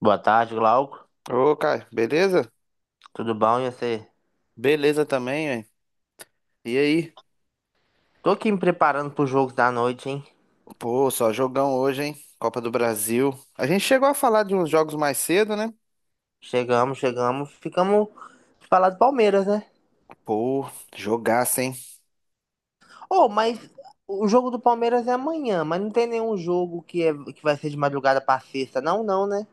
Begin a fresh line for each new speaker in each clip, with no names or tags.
Boa tarde, Glauco.
Ô, Caio, beleza?
Tudo bom? E você?
Beleza também, hein? E aí?
Tô aqui me preparando pro jogos da noite, hein?
Pô, só jogão hoje, hein? Copa do Brasil. A gente chegou a falar de uns jogos mais cedo, né?
Chegamos, chegamos. Ficamos de falar do Palmeiras, né?
Pô, jogaço, hein?
Oh, mas o jogo do Palmeiras é amanhã, mas não tem nenhum jogo que vai ser de madrugada pra sexta, não, não, né?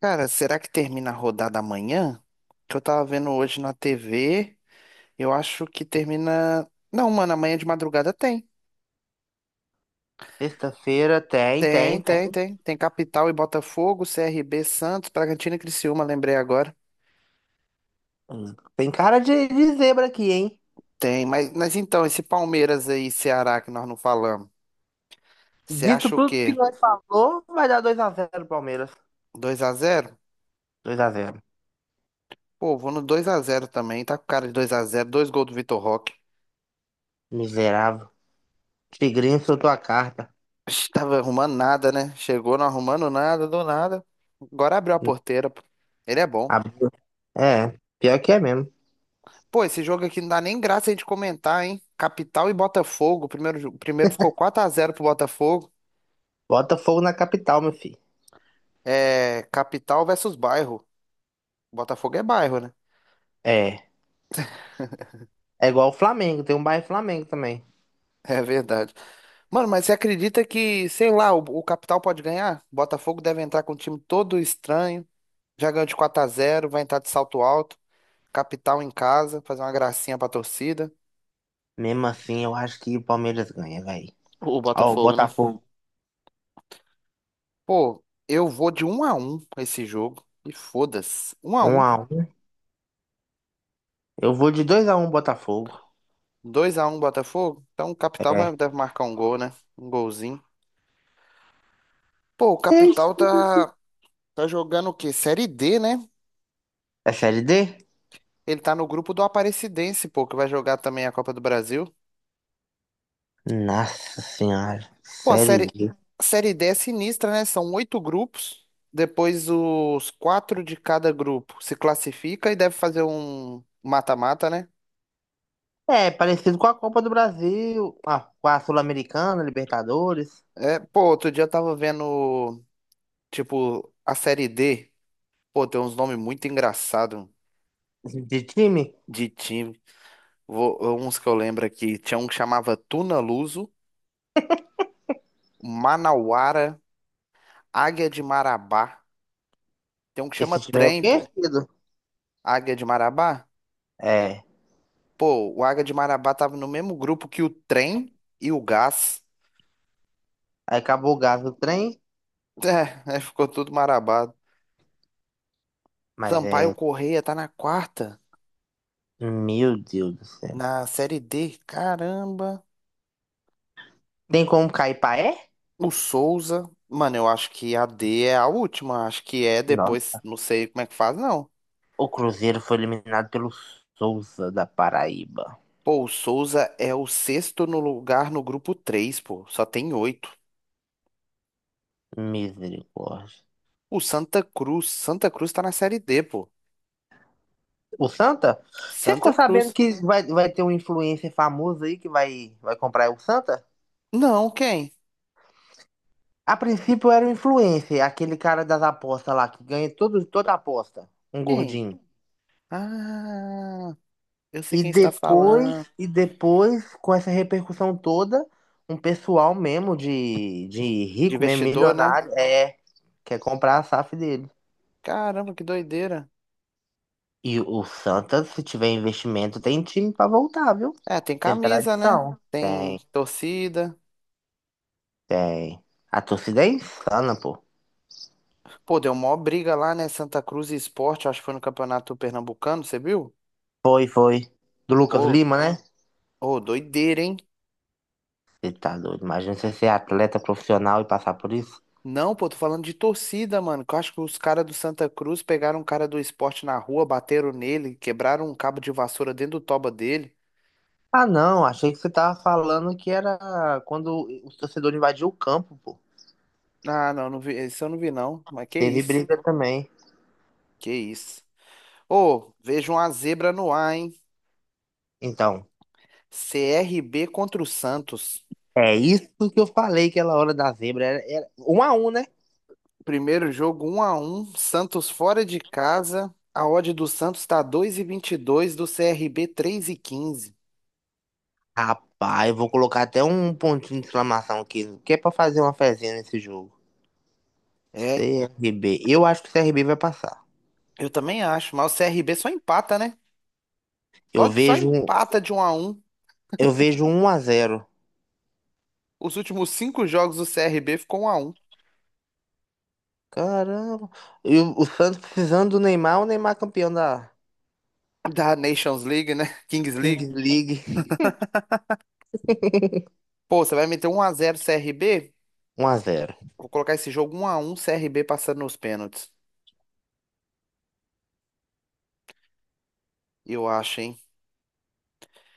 Cara, será que termina a rodada amanhã? Que eu tava vendo hoje na TV. Eu acho que termina. Não, mano, amanhã de madrugada tem.
Sexta-feira tem,
Tem,
tem, tem.
tem, tem. Tem Capital e Botafogo, CRB, Santos, Bragantino e Criciúma, lembrei agora.
Hum. Tem cara de zebra aqui, hein?
Tem, mas então, esse Palmeiras aí, Ceará, que nós não falamos. Você
Dito
acha o
tudo que
quê?
nós falou, vai dar 2 a 0 Palmeiras.
Dois a zero.
2 a 0.
Pô, vou no dois a zero também. Tá com cara de dois a zero. Dois gols do Vitor Roque.
Miserável. Tigrinho soltou a carta.
Ixi, tava arrumando nada, né? Chegou não arrumando nada, do nada. Agora abriu a porteira, pô. Ele é bom.
Abriu. É, pior que é mesmo.
Pô, esse jogo aqui não dá nem graça a gente comentar, hein? Capital e Botafogo. O primeiro, o primeiro ficou quatro a zero pro Botafogo.
Botafogo na capital, meu filho.
É. Capital versus bairro. Botafogo é bairro, né?
É. É igual o Flamengo, tem um bairro Flamengo também.
É verdade. Mano, mas você acredita que, sei lá, o Capital pode ganhar? Botafogo deve entrar com um time todo estranho. Já ganhou de quatro a zero, vai entrar de salto alto, capital em casa, fazer uma gracinha pra torcida.
Mesmo assim, eu acho que o Palmeiras ganha, velho.
O
Ó, o
Botafogo, né?
Botafogo,
Pô, eu vou de um a um esse jogo. E foda-se.
um
1-1.
a um. Eu vou de 2 a 1 Botafogo.
2-1 Botafogo. Então o Capital
É.
vai, deve marcar um gol, né? Um golzinho. Pô, o
Ei,
Capital tá, tá jogando o quê? Série D, né?
é Série D?
Ele tá no grupo do Aparecidense, pô, que vai jogar também a Copa do Brasil.
Nossa Senhora.
Pô, a
Série
série,
D.
a série D é sinistra, né? São oito grupos. Depois os quatro de cada grupo se classifica e deve fazer um mata-mata, né?
É, parecido com a Copa do Brasil, com a Sul-Americana, Libertadores.
É, pô, outro dia eu tava vendo, tipo, a série D. Pô, tem uns nomes muito engraçados
Esse de time?
de time. Vou, uns que eu lembro aqui. Tinha um que chamava Tuna Luso, Manauara, Águia de Marabá. Tem um que chama
Esse time é
Trem, pô.
conhecido.
Águia de Marabá?
É.
Pô, o Águia de Marabá tava no mesmo grupo que o Trem e o Gás.
Aí acabou o gás do trem,
É, aí ficou tudo marabado.
mas
Sampaio
é.
Correia tá na quarta,
Meu Deus do céu.
na Série D. Caramba.
Tem como cair paé?
O Souza. Mano, eu acho que a D é a última. Acho que é
Nossa.
depois. Não sei como é que faz, não.
O Cruzeiro foi eliminado pelo Souza da Paraíba.
Pô, o Souza é o sexto no lugar no grupo três, pô. Só tem oito.
Misericórdia.
O Santa Cruz. Santa Cruz tá na Série D, pô.
O Santa? Você
Santa
ficou sabendo
Cruz.
que vai ter um influencer famoso aí que vai comprar o Santa?
Não, quem?
A princípio era o influencer, aquele cara das apostas lá, que ganha todo, toda aposta. Um
Quem?
gordinho.
Ah. Eu sei
E
quem está
depois,
falando.
e depois, com essa repercussão toda, um pessoal mesmo de
De
rico, mesmo
vestidor, né?
milionário, quer comprar a SAF dele.
Caramba, que doideira.
E o Santa, se tiver investimento, tem time pra voltar, viu?
É, tem
Tem
camisa, né?
tradição.
Tem
Tem,
torcida.
tem. A torcida é insana, pô.
Pô, deu mó briga lá, né? Santa Cruz e Sport, acho que foi no Campeonato Pernambucano, você viu?
Foi, foi. Do Lucas
Pô,
Lima, né?
ô, doideira, hein?
Você tá doido. Imagina você ser atleta profissional e passar por isso.
Não, pô, tô falando de torcida, mano. Que eu acho que os caras do Santa Cruz pegaram um cara do Sport na rua, bateram nele, quebraram um cabo de vassoura dentro do toba dele.
Ah, não. Achei que você tava falando que era quando os torcedores invadiu o campo, pô.
Ah, não, não vi, isso eu não vi, não. Mas que
Teve
isso?
briga também.
Que isso? Ô, vejo uma zebra no ar, hein?
Então,
CRB contra o Santos.
é isso que eu falei que aquela hora da zebra. Era 1 a 1, né?
Primeiro jogo um a um, Santos fora de casa. A odd do Santos tá dois e vinte e dois, do CRB quinze.
Rapaz, eu vou colocar até um pontinho de exclamação aqui, que é pra fazer uma fezinha nesse jogo.
É,
CRB. Eu acho que o CRB vai passar.
eu também acho, mas o CRB só empata, né?
Eu
Só
vejo, um-
empata de um a um.
eu vejo 1 a 0.
Os últimos cinco jogos do CRB ficou um a um.
Caramba. E o Santos precisando do Neymar, o Neymar campeão da
Da Nations League, né? Kings
Kings
League.
League.
Pô, você vai meter um a 0 CRB?
1 a 0.
Vou colocar esse jogo um a 1, CRB passando nos pênaltis. Eu acho, hein?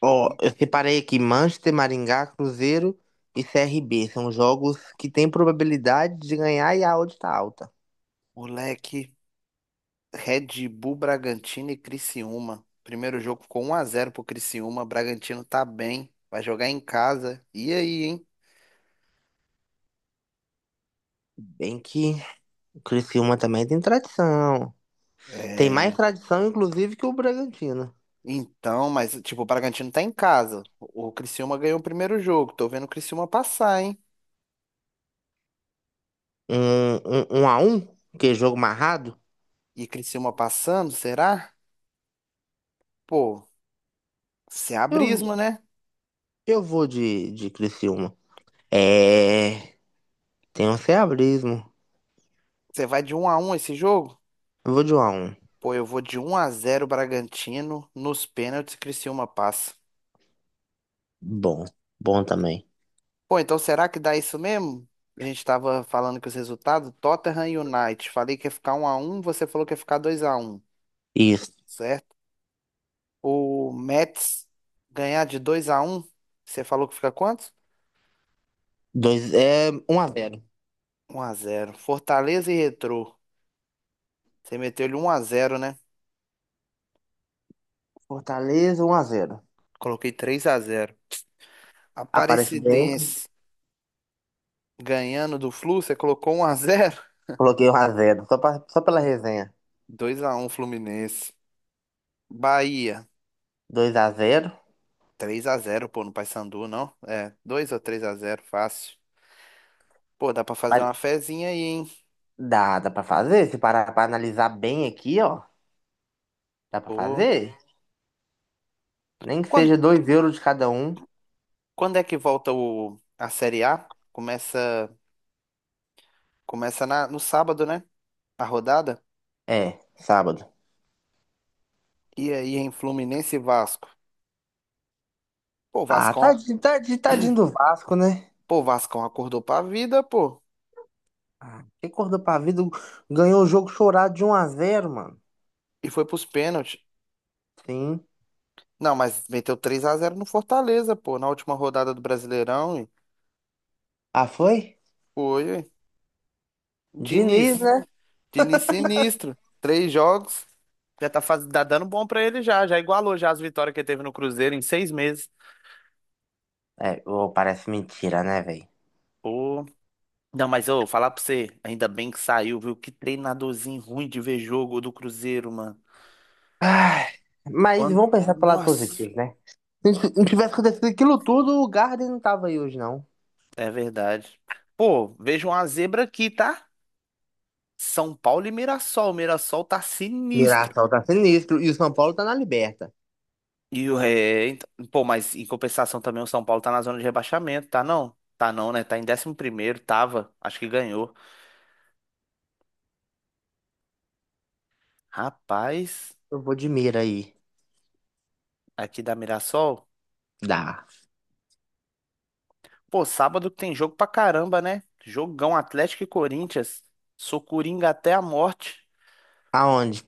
Ó, eu separei aqui Manchester, Maringá, Cruzeiro e CRB. São jogos que têm probabilidade de ganhar e a odd tá alta.
Moleque, Red Bull Bragantino e Criciúma. Primeiro jogo ficou 1 a 0 pro Criciúma. Bragantino tá bem. Vai jogar em casa. E aí, hein?
Bem que o Criciúma também tem tradição. Tem mais
É,
tradição, inclusive, que o Bragantino.
então, mas tipo, o Bragantino tá em casa. O Criciúma ganhou o primeiro jogo. Tô vendo o Criciúma passar, hein?
Um a um, que é jogo marrado.
E Criciúma passando, será? Pô, se
Eu,
abrismo, né?
Eu vou de Criciúma. É. Tem um ceabrismo.
Você vai de 1 a 1 esse jogo?
Eu vou de 1 a 1.
Pô, eu vou de 1 a 0 Bragantino nos pênaltis, Criciúma passa.
Bom. Bom também.
Pô, então será que dá isso mesmo? A gente tava falando que os resultados, Tottenham e United, falei que ia ficar um a um, você falou que ia ficar dois a um,
Isso.
certo? O Mets ganhar de dois a um, você falou que fica quanto?
Dois, é 1 a 0.
Um a zero. Fortaleza e Retrô, você meteu ele um a zero, né?
Fortaleza 1 a 0.
Coloquei três a zero.
Aparece
Aparecidense ganhando do Flu, você colocou um a zero.
Coloquei 1 a 0. Só pela resenha.
Dois a um Fluminense. Bahia,
2 a 0.
três a zero, pô, no Paysandu, não? É, 2 ou três a zero fácil. Pô, dá pra fazer
Mas
uma fezinha aí, hein?
dá pra fazer? Se parar pra analisar bem aqui, ó. Dá pra
Pô.
fazer? Nem que
Quando,
seja 2 euros de cada um.
quando é que volta o, a Série A? Começa na, no sábado, né? A rodada.
É, sábado.
E aí em Fluminense e Vasco. Pô, o
Ah,
Vascão,
tadinho, tadinho, tadinho do Vasco, né?
pô, o Vascão acordou pra vida, pô.
Ah, quem acordou pra vida ganhou o jogo chorado de 1 a 0, mano.
E foi pros pênaltis.
Sim.
Não, mas meteu três a zero no Fortaleza, pô. Na última rodada do Brasileirão. E
Ah, foi?
foi, ué.
Diniz,
Diniz.
né?
Diniz sinistro. Três jogos. Já tá, faz, tá dando bom pra ele já. Já igualou já as vitórias que ele teve no Cruzeiro em seis meses.
É, ô, parece mentira, né, velho?
Pô. Não, mas eu vou falar pra você, ainda bem que saiu, viu? Que treinadorzinho ruim de ver jogo do Cruzeiro, mano.
Ai, mas
Quando.
vamos pensar pelo lado
Nossa,
positivo, né? Se não tivesse acontecido aquilo tudo, o Garden não tava aí hoje, não.
é verdade. Pô, vejo uma zebra aqui, tá? São Paulo e Mirassol. O Mirassol tá sinistro.
Mirassol tá sinistro e o São Paulo tá na liberta.
E o é, ent- pô, mas em compensação também o São Paulo tá na zona de rebaixamento, tá não? Tá não, né? Tá em décimo primeiro, tava, acho que ganhou. Rapaz,
Eu vou de mira aí.
aqui da Mirassol.
Dá.
Pô, sábado tem jogo pra caramba, né? Jogão Atlético e Corinthians. Sou coringa até a morte
Aonde?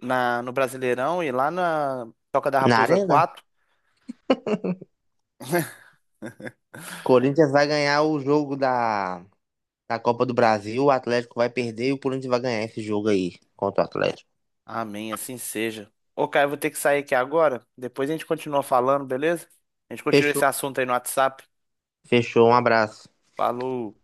na, no Brasileirão e lá na Toca da
Na
Raposa
Arena?
4.
Corinthians vai ganhar o jogo da Copa do Brasil, o Atlético vai perder e o Corinthians vai ganhar esse jogo aí contra o Atlético.
Amém, assim seja. Ô, Caio, eu vou ter que sair aqui agora. Depois a gente continua falando, beleza? A gente continua esse
Fechou.
assunto aí no WhatsApp.
Fechou, um abraço.
Falou.